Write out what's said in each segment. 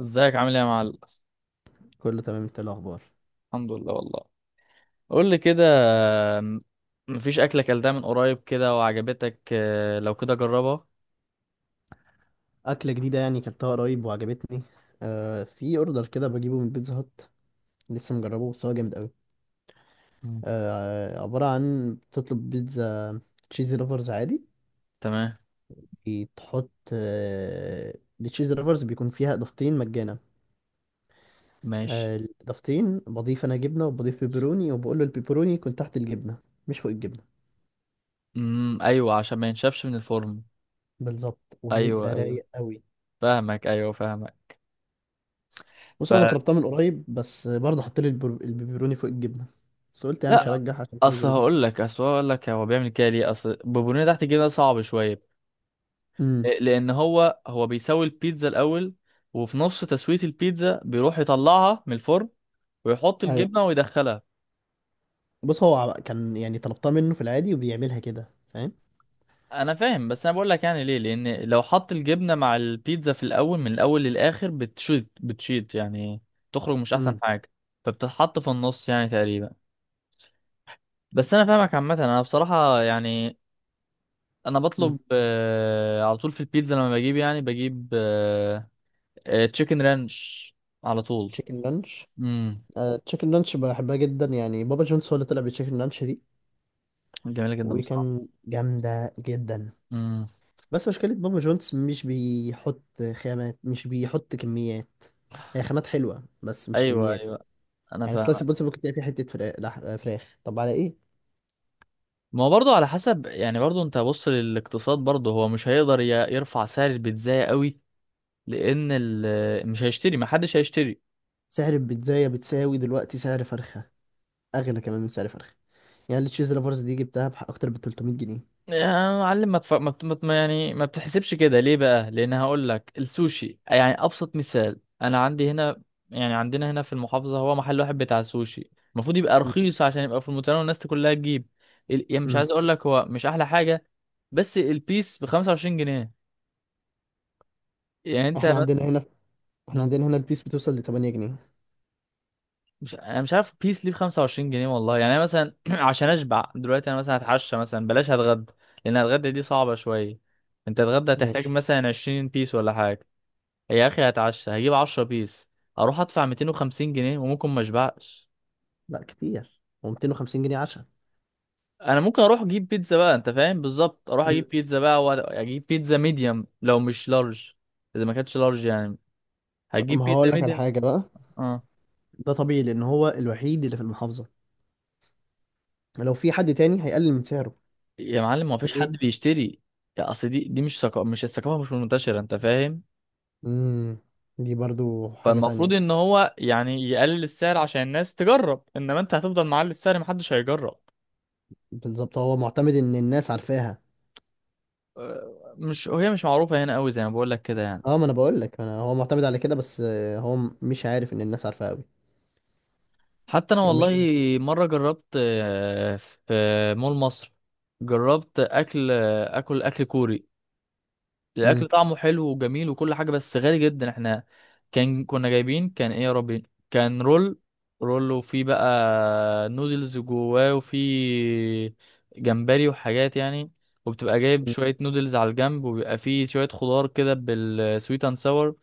ازيك عامل ايه يا معلم؟ كله تمام، انت ايه الاخبار؟ الحمد لله والله. قول لي كده. م- مفيش اكله اكلتها من قريب كده وعجبتك؟ آه، لو كده جربها. اكله جديده، يعني كلتها قريب وعجبتني. في اوردر كده بجيبه من بيتزا هات. لسه مجربه، بس هو جامد قوي. مم. عباره عن تطلب بيتزا تشيزي لوفرز عادي. تمام. تحط التشيزي لوفرز، بيكون فيها اضافتين مجانا. ماشي. الاضافتين بضيف انا جبنه، وبضيف بيبروني، وبقول له البيبروني يكون تحت الجبنه، مش فوق الجبنه. امم، ايوه، عشان ما ينشفش من الفرن. بالظبط، ايوه، وبيبقى ايوه. رايق قوي. فاهمك، ايوه، فاهمك. ف بص، انا طلبتها من قريب، بس برضه حط لي البيبروني فوق الجبنه. بس قلت يعني مش لا. هرجح عشان حاجه اصل زي دي. هقول لك، هو بيعمل كده ليه؟ اصل بوبونيه تحت الجبنه صعب شويه. آه، امم، لان هو بيسوي البيتزا الاول. وفي نص تسويه البيتزا بيروح يطلعها من الفرن ويحط ايوه. الجبنه ويدخلها. بص، هو كان يعني طلبتها منه في العادي وبيعملها كده، فاهم؟ انا فاهم، بس انا بقول لك يعني ليه. لان لو حط الجبنه مع البيتزا في الاول، من الاول للاخر بتشيط بتشيط يعني، تخرج مش احسن امم، حاجه. فبتتحط في النص يعني تقريبا. بس انا فاهمك عامه. انا بصراحه يعني انا امم. بطلب، على طول في البيتزا لما بجيب يعني بجيب تشيكن رانش، على طول. تشيكن لانش. امم. تشيكن لانش بحبها جدا، يعني بابا جونز هو اللي طلع بتشيكن لانش دي. جميله جدا بصراحه. وكان جامدة جدا. امم، بس مشكلة بابا جونز مش بيحط خامات، مش بيحط كميات. هي خامات حلوة، بس مش ايوه، كميات. ايوه، انا يعني فاهم. سلايس البيتزا ممكن تلاقي فيه حتة فراخ، طب على ايه؟ ما هو برضه على حسب، يعني برضه انت بص للاقتصاد، برضه هو مش هيقدر يرفع سعر البيتزا قوي. لان مش هيشتري، ما حدش هيشتري. سعر البيتزاية بتساوي دلوقتي سعر فرخة. أغلى كمان من سعر فرخة. يعني التشيز لافرز دي جبتها أكتر ب 300 جنيه. يا معلم، ما تف... ما بت... ما بت- يعني ما بتحسبش كده ليه بقى؟ لان هقول لك السوشي يعني ابسط مثال انا عندي هنا. يعني عندنا هنا في المحافظه هو محل واحد بتاع سوشي، المفروض يبقى رخيص عشان يبقى في المتناول والناس كلها تجيب. يعني مش مم. عايز اقول لك هو مش احلى حاجه، بس البيس ب 25 جنيه يعني. احنا عندنا هنا احنا انت عندنا هنا البيس بتوصل ل 8 جنيه. مش، انا مش عارف بيس ليه ب 25 جنيه والله. يعني انا مثلا عشان اشبع دلوقتي، انا مثلا هتعشى مثلا، بلاش هتغدى لان هتغدى دي صعبة شوية. انت تتغدى هتحتاج ماشي. مثلا 20 بيس ولا حاجة. يا اخي هتعشى هجيب 10 بيس، اروح ادفع 250 جنيه وممكن ما اشبعش. لا، كتير، هو 250 جنيه عشاء. انا ممكن اروح اجيب بيتزا بقى، انت فاهم، بالظبط، اروح اجيب مم. بيتزا بقى واجيب بيتزا ميديوم لو مش لارج. اذا ما كانتش لارج يعني هتجيب ما هقول بيتزا لك على ميديوم. حاجة بقى. اه. ده طبيعي، لأن هو الوحيد اللي في المحافظة. لو في حد تاني هيقلل من سعره. يا معلم ما فيش حد ليه؟ بيشتري. يا اصل دي مش الثقافة مش منتشرة، انت فاهم. امم. دي برضو حاجة فالمفروض تانية. ان هو يعني يقلل السعر عشان الناس تجرب. انما انت هتفضل معلي السعر، محدش هيجرب. بالظبط، هو معتمد إن الناس عارفاها. آه، مش، هي مش معروفة هنا قوي، زي ما بقول لك كده يعني. اه، ما أنا بقول لك أنا هو معتمد على كده، بس هو مش عارف إن الناس عارفاه أوي. حتى انا هو مش. والله، مرة جربت، في مول مصر، جربت اكل آه، اكل اكل كوري. امم، الاكل طعمه حلو وجميل وكل حاجه بس غالي جدا. احنا كان كنا جايبين، كان ايه يا ربي؟ كان رول. رول، وفي بقى نودلز جواه، وفي جمبري وحاجات يعني. وبتبقى جايب شويه نودلز على الجنب، وبيبقى فيه شويه خضار كده بالسويت اند ساور،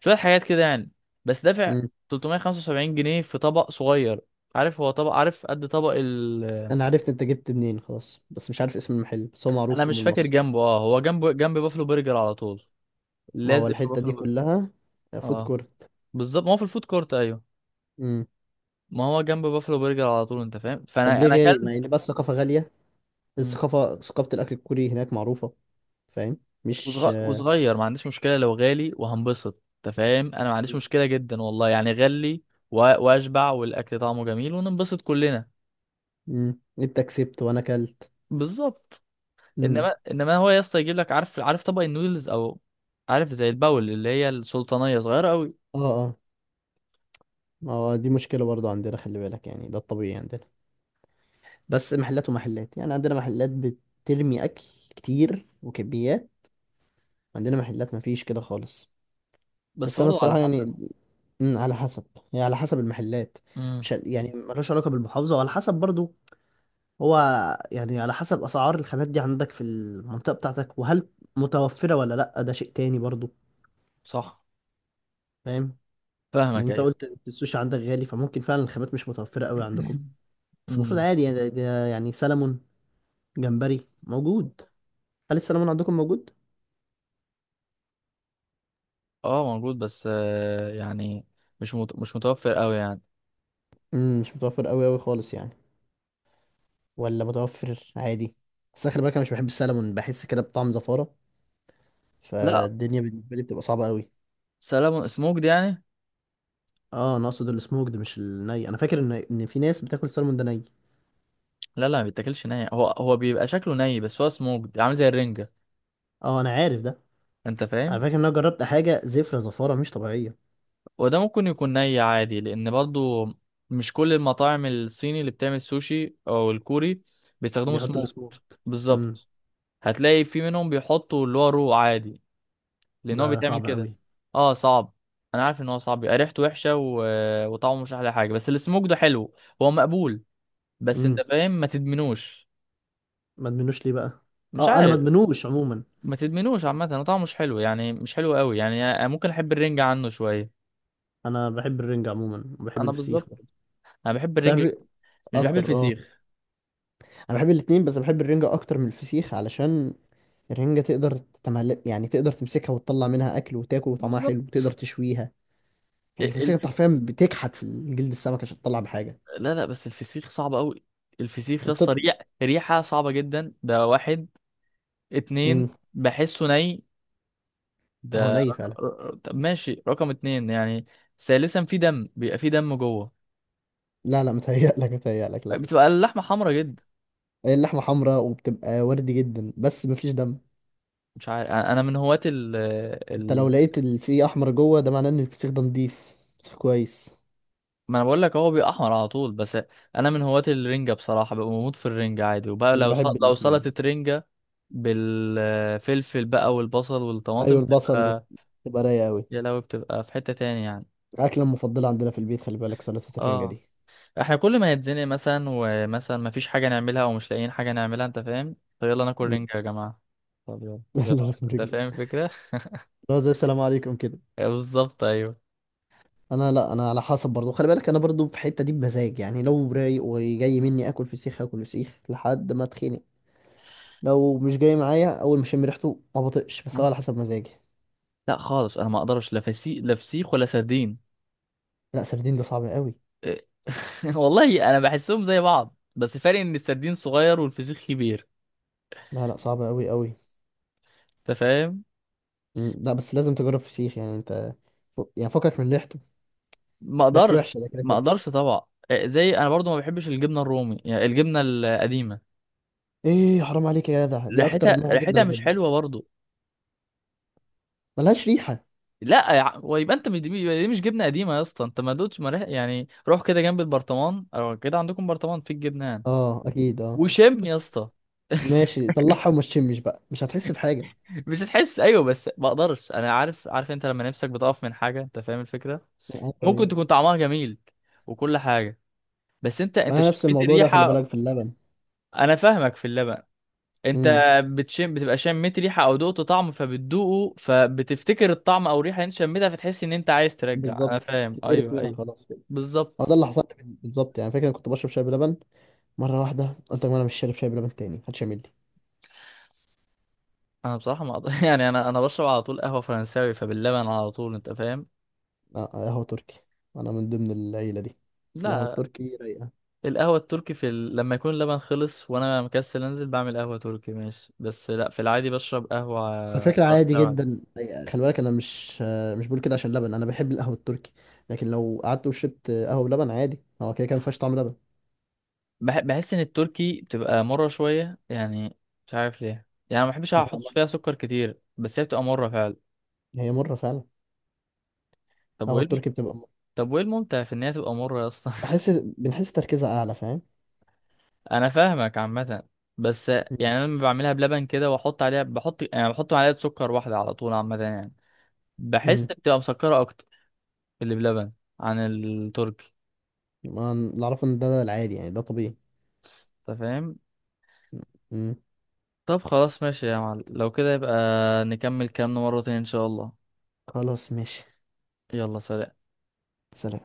شويه حاجات كده يعني. بس دافع امم. 375 جنيه في طبق صغير. عارف هو طبق؟ عارف قد طبق أنا عرفت أنت جبت منين خلاص، بس مش عارف اسم المحل، بس هو انا معروف في مش مول فاكر مصر. جنبه. اه، هو جنبه جنب بافلو برجر على طول، ما هو لازق في الحتة بافلو دي برجر. كلها فود اه، كورت. بالظبط، ما هو في الفود كورت. ايوه، امم. ما هو جنب بافلو برجر على طول، انت فاهم. طب فانا ليه انا غالي؟ ما يعني اكلت. بقى الثقافة غالية. مم. الثقافة ثقافة الأكل الكوري هناك معروفة. فاهم؟ مش. وصغير، ما عنديش مشكله لو غالي وهنبسط، انت فاهم. انا ما عنديش مشكله جدا والله. يعني غلي و- واشبع، والاكل طعمه جميل وننبسط كلنا. امم. انت كسبت وانا كلت. بالظبط. امم. انما هو يا اسطى يجيب لك، عارف، عارف طبق النودلز، او عارف زي الباول اللي هي السلطانيه صغيره قوي. اه، اه. ما هو دي مشكلة برضو عندنا، خلي بالك، يعني ده الطبيعي عندنا. بس محلات ومحلات يعني، عندنا محلات بترمي أكل كتير وكميات. عندنا محلات مفيش كده خالص. بس بس أنا برضه على الصراحة يعني. حسب. على حسب. يعني على حسب المحلات. امم. مش يعني ملوش علاقة بالمحافظة، وعلى حسب برضو هو، يعني على حسب اسعار الخامات دي عندك في المنطقه بتاعتك، وهل متوفره ولا لا، ده شيء تاني برضو. صح. فاهم؟ لان فاهمك، انت ايوه. قلت إن السوشي عندك غالي، فممكن فعلا الخامات مش متوفره قوي عندكم. بس المفروض امم. عادي، يعني ده يعني سلمون. جمبري موجود. هل السلمون عندكم موجود؟ اه موجود، بس يعني مش متوفر قوي يعني. امم، مش متوفر قوي قوي خالص يعني. ولا متوفر عادي؟ بس أنا خلي بالك انا مش بحب السلمون، بحس كده بطعم زفاره. لا. فالدنيا بالنسبه لي بتبقى صعبه قوي. سلام سموكد يعني؟ اه، انا اقصد السموك ده، مش الني، انا فاكر ان في ناس بتاكل سلمون ده ني. لا، لا، ما بيتاكلش ني. هو بيبقى شكله ني بس هو سموكد عامل زي الرنجة، اه، انا عارف ده. انت على فاهم. فكرة إن أنا جربت حاجة زفرة زفارة مش طبيعية. وده ممكن يكون ني عادي، لان برضو مش كل المطاعم الصيني اللي بتعمل سوشي او الكوري بيستخدموا بيحطوا سموك. السموك. امم. بالظبط. هتلاقي في منهم بيحطوا اللي هو رو عادي، لان هو ده بيتعمل صعب كده. قوي. اه صعب. انا عارف ان هو صعب، بيبقى ريحته وحشة، و... وطعمه مش احلى حاجة، بس السموك ده حلو، هو مقبول. بس انت امم. فاهم، ما تدمنوش. ما ادمنوش ليه بقى؟ مش اه، انا ما عارف. ادمنوش عموما. ما تدمنوش عامة، هو طعمه مش حلو يعني، مش حلو قوي يعني، ممكن أحب الرنجة عنه شوية. انا بحب الرنجة عموما، وبحب أنا الفسيخ بالظبط، برضه. أنا بحب الرنجة، سبب. مش بحب اكتر، اه. الفسيخ. انا بحب الاتنين، بس بحب الرنجة اكتر من الفسيخ علشان الرنجة يعني تقدر تمسكها وتطلع منها أكل وتاكل، وطعمها حلو، وتقدر بالظبط. تشويها. يعني ال- الفسيخ الف... أنت حرفيا بتكحت في جلد السمك عشان تطلع بحاجة. لا، لا، بس الفسيخ صعب قوي. الفسيخ يا اسطى، وبتط... ريحة صعبة جدا، ده واحد. اتنين، مم. بحسه ني. هو ده ني فعلا. طب ماشي، رقم اتنين يعني. ثالثا، في دم، بيبقى في دم جوه. لا، لا، متهيألك، متهيألك، لا. بتبقى اللحمة حمرا جدا. اللحمه حمراء وبتبقى وردي جدا، بس مفيش دم. مش عارف. أنا من هواة انت لو لقيت في احمر جوه، ده معناه ان الفسيخ ده نضيف فسيخ كويس. ما انا بقول لك هو بيبقى احمر على طول. بس انا من هواة الرنجة بصراحة، ببقى بموت في الرنجة عادي. وبقى انا لو بحب لو الاتنين. سلطة رنجة بالفلفل بقى والبصل والطماطم ايوه، البصل. تبقى رايقه قوي. يا لهوي، بتبقى في حتة تاني يعني. الاكله المفضله عندنا في البيت خلي بالك، سلطه الرنجه اه. دي. احنا كل ما يتزنق مثلا، ومثلا ما فيش حاجة نعملها او مش لاقيين حاجة نعملها، انت فاهم، طب يلا ناكل مم. رنجة يا جماعة. طب يلا. سلطة يلا. انت الرنجة. فاهم الفكرة. لا، زي السلام عليكم كده. بالظبط، ايوه. انا، لا، انا على حسب برضو، خلي بالك انا برضو في الحته دي بمزاج، يعني لو رايق وجاي مني اكل فسيخ اكل فسيخ لحد ما اتخنق. لو مش جاي معايا اول ما اشم ريحته ما بطقش، بس هو على حسب مزاجي. لا خالص، انا ما اقدرش، لا فسيخ، لا فسيخ ولا سردين. لا، سردين ده صعب قوي. إيه. والله انا بحسهم زي بعض، بس فرق ان السردين صغير والفسيخ كبير، لا، لا، صعب قوي قوي. انت فاهم. مم، لا، بس لازم تجرب فسيخ يعني انت يعني فكك من ريحته. ما ريحته اقدرش، وحشه ده كده ما كده. اقدرش طبعا. آه، زي انا برضو ما بحبش الجبنه الرومي، يعني الجبنه القديمه، ايه؟ حرام عليك يا جدع، دي اكتر ريحتها نوع جبنه ريحتها مش بحبه. حلوه برضو. ملهاش ريحه. لا يا ويبقى انت مش دي يبقى دي مش جبنه قديمه يا اسطى. انت ما دوتش، ما ريح- يعني روح كده جنب البرطمان، او كده عندكم برطمان في الجبنان، اه، اكيد، اه. وشم يا اسطى. ماشي، طلعها وما تشمش بقى، مش هتحس بحاجه. مش هتحس، ايوه، بس ما اقدرش. انا عارف، عارف انت لما نفسك بتقف من حاجه، انت فاهم الفكره. آه، ايوه، ممكن ايوه. تكون طعمها جميل وكل حاجة، بس ما انت انا نفس شميت الموضوع ده خلي بالك الريحة. في اللبن. انا فاهمك في اللبن. انت امم. بتشم، بتبقى شميت ريحة او دقت طعم فبتدوقه، فبتفتكر الطعم او الريحة اللي انت شميتها، فتحس ان انت عايز ترجع. انا بالظبط، فاهم، تتقرف ايوه، منها ايوه. خلاص كده. هو ده بالظبط. اللي حصل لي بالظبط، يعني فاكر انا كنت بشرب شاي بلبن. مره واحده قلت لك ما انا مش شارب شاي بلبن تاني، محدش يعمل لي. انا بصراحة ما أقدر- يعني انا بشرب على طول قهوة فرنساوي فباللبن على طول، انت فاهم. اه، قهوه تركي. انا من ضمن العيله دي. القهوه لا. التركي رايقه. القهوة التركي في لما يكون اللبن خلص وانا مكسل، انزل بعمل قهوة تركي، ماشي. بس لا، في العادي بشرب قهوة على فكرة عادي فرنساوي. جدا. خلي بالك انا مش بقول كده عشان لبن، انا بحب القهوة التركي. لكن لو قعدت وشربت قهوة بلبن عادي، هو كده كان مفيهاش طعم لبن. بحس ان التركي بتبقى مرة شوية يعني، مش عارف ليه يعني، ما بحبش ما هي احط مرة. فيها سكر كتير، بس هي بتبقى مرة فعلا. هي مرة فعلا. طب القهوة وايه التركي بتبقى مرة. طب وايه الممتع في ان هي تبقى مرة يا اسطى؟ بنحس تركيزها اعلى، فاهم؟ انا فاهمك عامة. بس يعني انا لما بعملها بلبن كده واحط عليها، بحط يعني بحط معلقة سكر واحدة على طول عامة يعني، بحس امم. بتبقى مسكرة اكتر اللي بلبن عن التركي، اللي اعرفه ان ده العادي، يعني ده طبيعي. انت فاهم. امم. طب خلاص ماشي يا معلم، لو كده يبقى نكمل كلامنا مرة تانية ان شاء الله. خلاص ماشي. يلا، سلام. سلام.